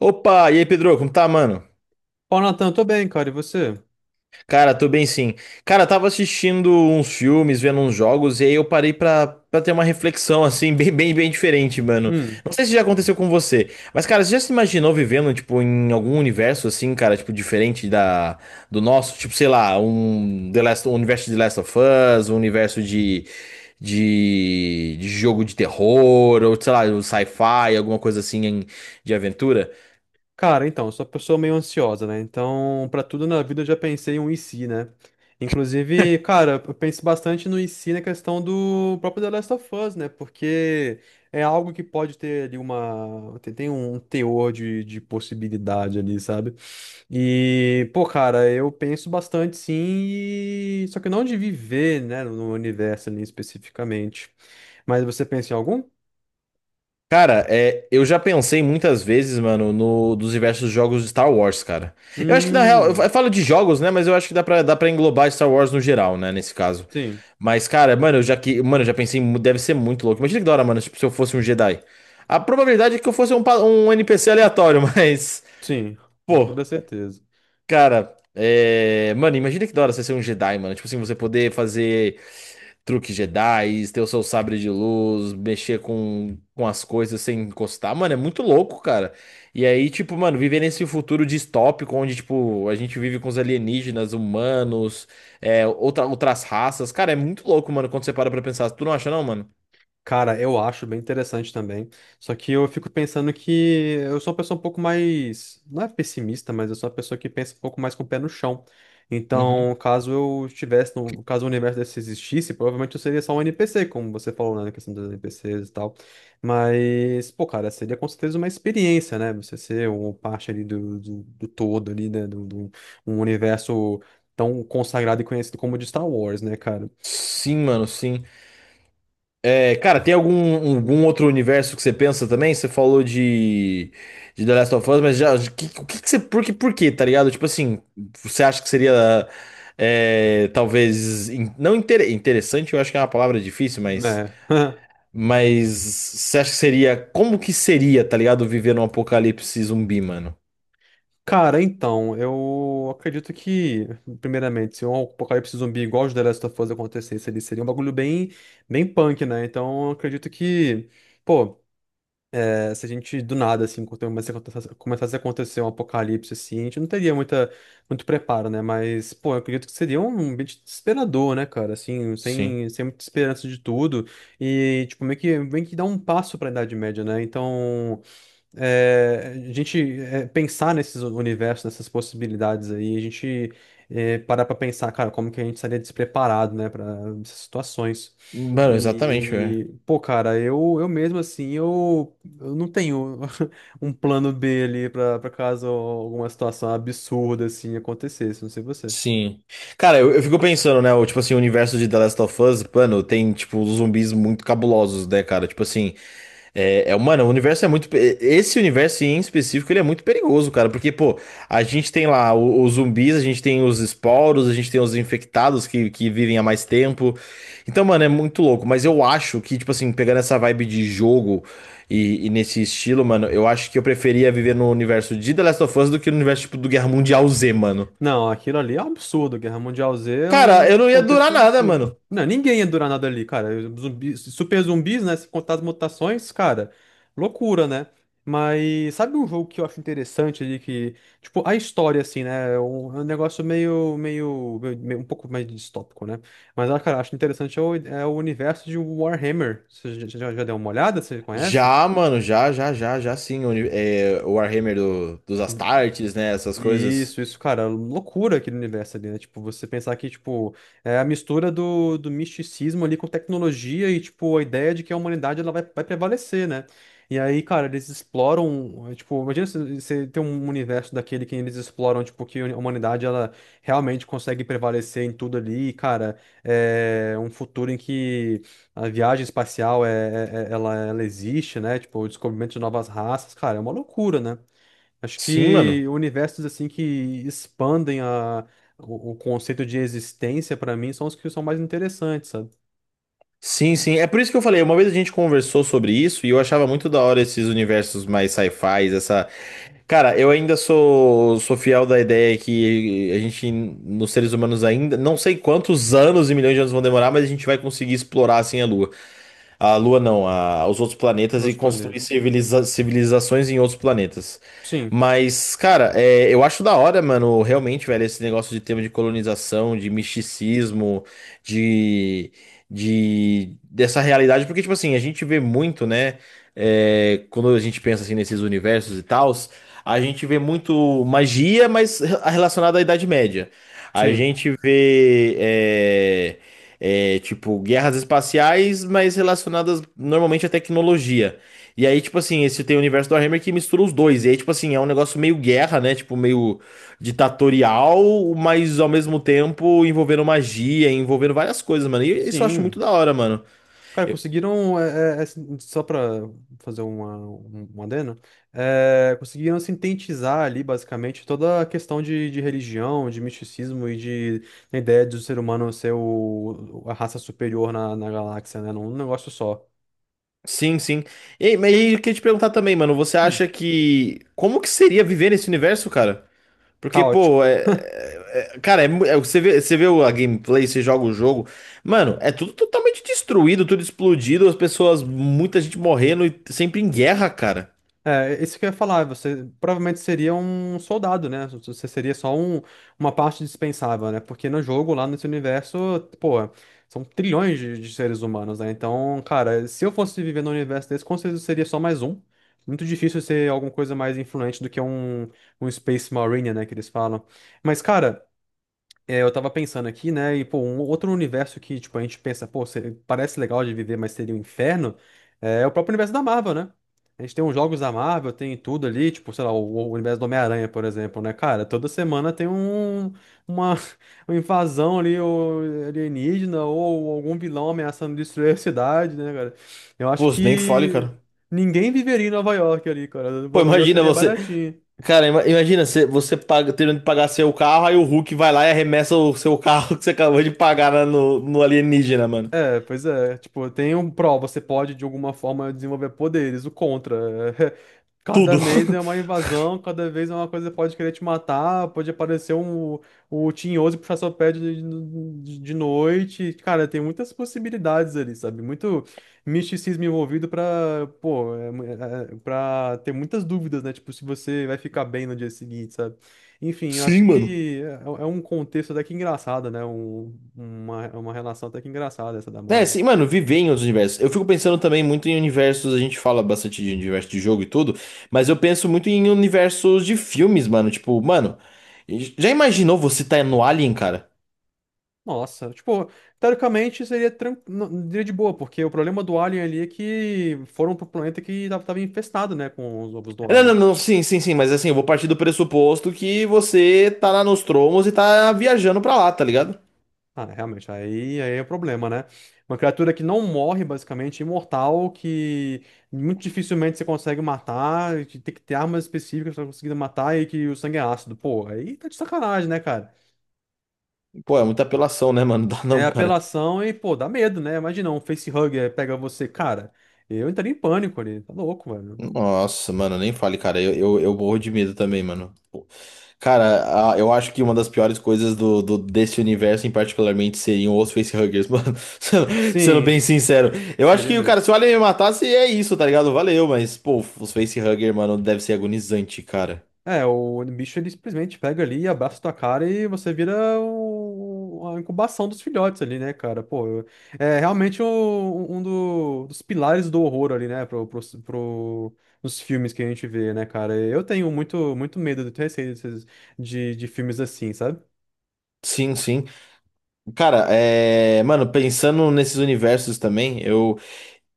Opa, e aí, Pedro, como tá, mano? Ó, Natan, tô bem, cara, e você? Cara, tô bem sim. Cara, tava assistindo uns filmes, vendo uns jogos, e aí eu parei pra ter uma reflexão, assim, bem diferente, mano. Hum, Não sei se já aconteceu com você, mas, cara, você já se imaginou vivendo, tipo, em algum universo, assim, cara, tipo, diferente do nosso? Tipo, sei lá, um, The Last, um universo de The Last of Us, um universo de jogo de terror, ou sei lá, um sci-fi, alguma coisa assim de aventura. cara, então, eu sou uma pessoa meio ansiosa, né? Então, pra tudo na vida eu já pensei em um e se, né? Inclusive, cara, eu penso bastante no e se na questão do próprio The Last of Us, né? Porque é algo que pode ter ali uma. Tem um teor de possibilidade ali, sabe? E, pô, cara, eu penso bastante sim, e só que não de viver, né, no universo ali especificamente. Mas você pensa em algum? Cara, é, eu já pensei muitas vezes, mano, no, dos diversos jogos de Star Wars, cara. Eu acho que na real, Hum, eu falo de jogos, né? Mas eu acho que dá pra englobar Star Wars no geral, né? Nesse caso. sim. Mas, cara, mano, eu já pensei, mu- deve ser muito louco. Imagina que da hora, mano, tipo, se eu fosse um Jedi. A probabilidade é que eu fosse um NPC aleatório, mas, Sim, com pô, toda certeza. cara, é, mano, imagina que da hora você ser um Jedi, mano. Tipo assim, você poder fazer truque Jedi, ter o seu sabre de luz, mexer com as coisas sem encostar, mano, é muito louco, cara. E aí, tipo, mano, viver nesse futuro distópico onde, tipo, a gente vive com os alienígenas, humanos, é, outras raças, cara, é muito louco, mano, quando você para pra pensar. Tu não acha, não, mano? Cara, eu acho bem interessante também. Só que eu fico pensando que eu sou uma pessoa um pouco mais, não é pessimista, mas eu sou uma pessoa que pensa um pouco mais com o pé no chão. Uhum. Então, caso eu estivesse, no, caso o universo desse existisse, provavelmente eu seria só um NPC, como você falou, né, na questão dos NPCs e tal. Mas, pô, cara, seria com certeza uma experiência, né? Você ser uma parte ali do, do, do todo ali, né, do um universo tão consagrado e conhecido como o de Star Wars, né, cara? Sim, mano, sim. É, cara, tem algum, um, algum outro universo que você pensa também? Você falou de The Last of Us, mas já, que- o que, que você, por que, por quê, tá ligado? Tipo assim, você acha que seria, é, talvez, in- não inter- interessante, eu acho que é uma palavra difícil, É. mas você acha que seria, como que seria, tá ligado, viver num apocalipse zumbi, mano? Cara, então, eu acredito que, primeiramente, se um apocalipse zumbi igual os The Last of Us acontecesse, ali seria um bagulho bem, bem punk, né? Então, eu acredito que, pô, é, se a gente do nada, assim, começasse a acontecer um apocalipse, assim, a gente não teria muita, muito preparo, né? Mas, pô, eu acredito que seria um ambiente desesperador, né, cara? Assim, Sim. sem, sem muita esperança de tudo. E, tipo, meio que dá um passo pra Idade Média, né? Então é, a gente é, pensar nesses universos, nessas possibilidades aí, a gente é, parar para pensar, cara, como que a gente estaria despreparado, né, para essas situações. Mano, exatamente, velho. E, pô, cara, eu, eu não tenho um plano B ali pra, pra caso alguma situação absurda assim acontecesse, não sei você. Sim. Cara, eu fico pensando, né? O, tipo assim, o universo de The Last of Us, mano, tem, tipo, zumbis muito cabulosos, né, cara? Tipo assim, mano, o universo é muito. Pe- Esse universo em específico, ele é muito perigoso, cara. Porque, pô, a gente tem lá os zumbis, a gente tem os esporos, a gente tem os infectados que vivem há mais tempo. Então, mano, é muito louco. Mas eu acho que, tipo assim, pegando essa vibe de jogo e nesse estilo, mano, eu acho que eu preferia viver no universo de The Last of Us do que no universo, tipo, do Guerra Mundial Z, mano. Não, aquilo ali é um absurdo. Guerra Mundial Z é Cara, eu um não ia durar contexto nada, absurdo. mano. Não, ninguém ia durar nada ali, cara. Zumbis, super zumbis, né? Se contar as mutações, cara, loucura, né? Mas sabe um jogo que eu acho interessante ali que, tipo, a história, assim, né? É um negócio um pouco mais distópico, né? Mas, ah, cara, acho interessante é o, é o universo de Warhammer. Você já, já deu uma olhada? Você conhece? Já, mano, já sim. O, uni- é, o Warhammer dos Astartes, né? Essas coisas. Isso, cara, loucura aquele universo ali, né? Tipo, você pensar que, tipo, é a mistura do, do misticismo ali com tecnologia e, tipo, a ideia de que a humanidade ela vai, vai prevalecer, né? E aí, cara, eles exploram, tipo, imagina se- você ter um universo daquele que eles exploram, tipo, que a humanidade, ela realmente consegue prevalecer em tudo ali, e, cara, é um futuro em que a viagem espacial, é, ela, ela existe, né? Tipo, o descobrimento de novas raças, cara, é uma loucura, né? Acho Sim, que mano. universos assim que expandem a, o conceito de existência pra mim são os que são mais interessantes, sabe? Sim, sim. É por isso que eu falei. Uma vez a gente conversou sobre isso e eu achava muito da hora esses universos mais sci fi essa. Cara, eu ainda sou fiel da ideia que a gente, nos seres humanos ainda, não sei quantos anos e milhões de anos vão demorar, mas a gente vai conseguir explorar assim a Lua. A Lua não, a, os outros planetas e Meus construir planetas. civiliza- civilizações em outros planetas. Sim, Mas, cara, é, eu acho da hora, mano, realmente, velho, esse negócio de tema de colonização, de misticismo, de, de dessa realidade, porque, tipo assim, a gente vê muito, né, é, quando a gente pensa assim nesses universos e tals, a gente vê muito magia, mas relacionada à Idade Média. A sim, gente vê. É, é, tipo, guerras espaciais, mas relacionadas normalmente à tecnologia. E aí, tipo assim, esse tem o universo do Warhammer que mistura os dois. E aí, tipo assim, é um negócio meio guerra, né? Tipo, meio ditatorial, mas ao mesmo tempo envolvendo magia, envolvendo várias coisas, mano. E isso eu acho sim. muito da hora, mano. Cara, Eu- conseguiram, assim, só pra fazer uma, um adeno, é, conseguiram sintetizar ali basicamente toda a questão de religião, de misticismo e de a ideia do ser humano ser o, a raça superior na, na galáxia, né? Num negócio só. Sim, sim. E, mas eu queria te perguntar também, mano, você Hum. acha que. Como que seria viver nesse universo, cara? Porque, pô, Caótico. Cara, é, você vê a gameplay, você joga o jogo, mano, é tudo totalmente destruído, tudo explodido, as pessoas, muita gente morrendo e sempre em guerra, cara. É, isso que eu ia falar, você provavelmente seria um soldado, né? Você seria só um, uma parte dispensável, né? Porque no jogo, lá nesse universo, pô, são trilhões de seres humanos, né? Então, cara, se eu fosse viver num universo desse, com certeza eu seria só mais um. Muito difícil ser alguma coisa mais influente do que um Space Marine, né? Que eles falam. Mas, cara, é, eu tava pensando aqui, né? E, pô, um outro universo que, tipo, a gente pensa, pô, parece legal de viver, mas seria um inferno, é o próprio universo da Marvel, né? A gente tem os jogos da Marvel, tem tudo ali, tipo, sei lá, o universo do Homem-Aranha, por exemplo, né? Cara, toda semana tem um, uma, uma invasão ali, ou alienígena, ou algum vilão ameaçando destruir a cidade, né, cara? Eu acho Pô, você nem fale, que cara. ninguém viveria em Nova York ali, cara. O Pô, aluguel imagina seria você, baratinho. cara, imagina você, você paga, tendo que pagar seu carro, aí o Hulk vai lá e arremessa o seu carro que você acabou de pagar no alienígena, mano. É, pois é. Tipo, tem um pró, você pode de alguma forma desenvolver poderes. O contra, é, cada Tudo. mês é uma invasão, cada vez é uma coisa que pode querer te matar, pode aparecer um, o Tinhoso e puxar seu pé de noite. Cara, tem muitas possibilidades ali, sabe? Muito misticismo envolvido pra, pô, é, pra ter muitas dúvidas, né? Tipo, se você vai ficar bem no dia seguinte, sabe? Enfim, eu acho Sim, mano. que é um contexto até que engraçado, né? Um, uma relação até que engraçada essa da É, Marvel. sim, mano, viver em outros universos. Eu fico pensando também muito em universos, a gente fala bastante de universo de jogo e tudo, mas eu penso muito em universos de filmes, mano. Tipo, mano, já imaginou você tá no Alien, cara? Nossa, tipo, teoricamente seria não, seria de boa, porque o problema do Alien ali é que foram pro planeta que tava, tava infestado, né, com os ovos do Não, Alien. não, não, sim, sim, sim, mas assim, eu vou partir do pressuposto que você tá lá nos tromos e tá viajando pra lá, tá ligado? Ah, né, realmente, aí, aí é o problema, né? Uma criatura que não morre, basicamente, imortal, que muito dificilmente você consegue matar, que tem que ter armas específicas pra conseguir matar e que o sangue é ácido. Pô, aí tá de sacanagem, né, cara? Pô, é muita apelação, né, mano? Dá É não, cara. apelação e, pô, dá medo, né? Imagina um facehugger pega você. Cara, eu entraria em pânico ali. Tá louco, mano. Nossa, mano, nem fale, cara. Eu morro de medo também, mano. Cara, a- eu acho que uma das piores coisas desse universo em particularmente seriam os facehuggers, mano. Sendo Sim, bem sincero. Eu acho seria que, cara, mesmo. se o Alien me matasse, é isso, tá ligado? Valeu, mas, pô, os facehuggers, mano, deve ser agonizante, cara. É, o bicho ele simplesmente pega ali, abraça tua cara e você vira a incubação dos filhotes ali, né, cara? Pô, é realmente dos pilares do horror ali, né? Nos filmes que a gente vê, né, cara? Eu tenho muito, muito medo, eu tenho receio de filmes assim, sabe? Sim, sim. Cara, é... Mano, pensando nesses universos também, eu...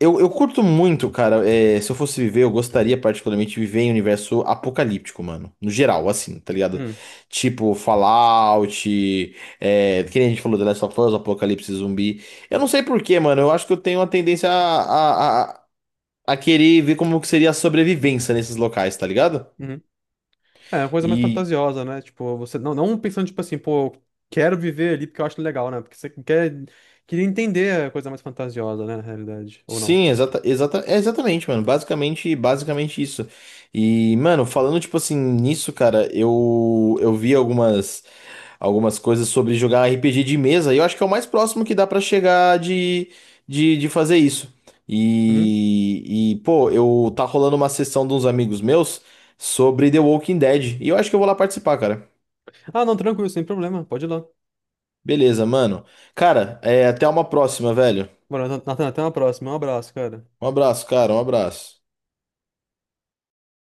Eu curto muito, cara. É, se eu fosse viver, eu gostaria particularmente de viver em um universo apocalíptico, mano. No geral, assim, tá ligado? Hum. Tipo Fallout, é, que nem a gente falou, The Last of Us, Apocalipse Zumbi. Eu não sei por quê, mano. Eu acho que eu tenho uma tendência a querer ver como que seria a sobrevivência nesses locais, tá ligado? Uhum. É, é uma coisa mais E fantasiosa, né? Tipo, você não, não pensando, tipo assim, pô, eu quero viver ali porque eu acho legal, né? Porque você quer, queria entender a coisa mais fantasiosa, né, na realidade, ou não. Sim, exata, é exatamente, mano. Basicamente isso. E, mano, falando tipo assim nisso, cara, eu vi algumas coisas sobre jogar RPG de mesa, e eu acho que é o mais próximo que dá pra chegar de, de fazer isso. Uhum. Pô, eu tá rolando uma sessão de uns amigos meus sobre The Walking Dead, e eu acho que eu vou lá participar, cara. Ah, não, tranquilo, sem problema, pode ir lá. Beleza, mano. Cara, é, até uma próxima, velho. Bora, Nathan, até uma próxima. Um abraço, cara. Um abraço, cara, um abraço.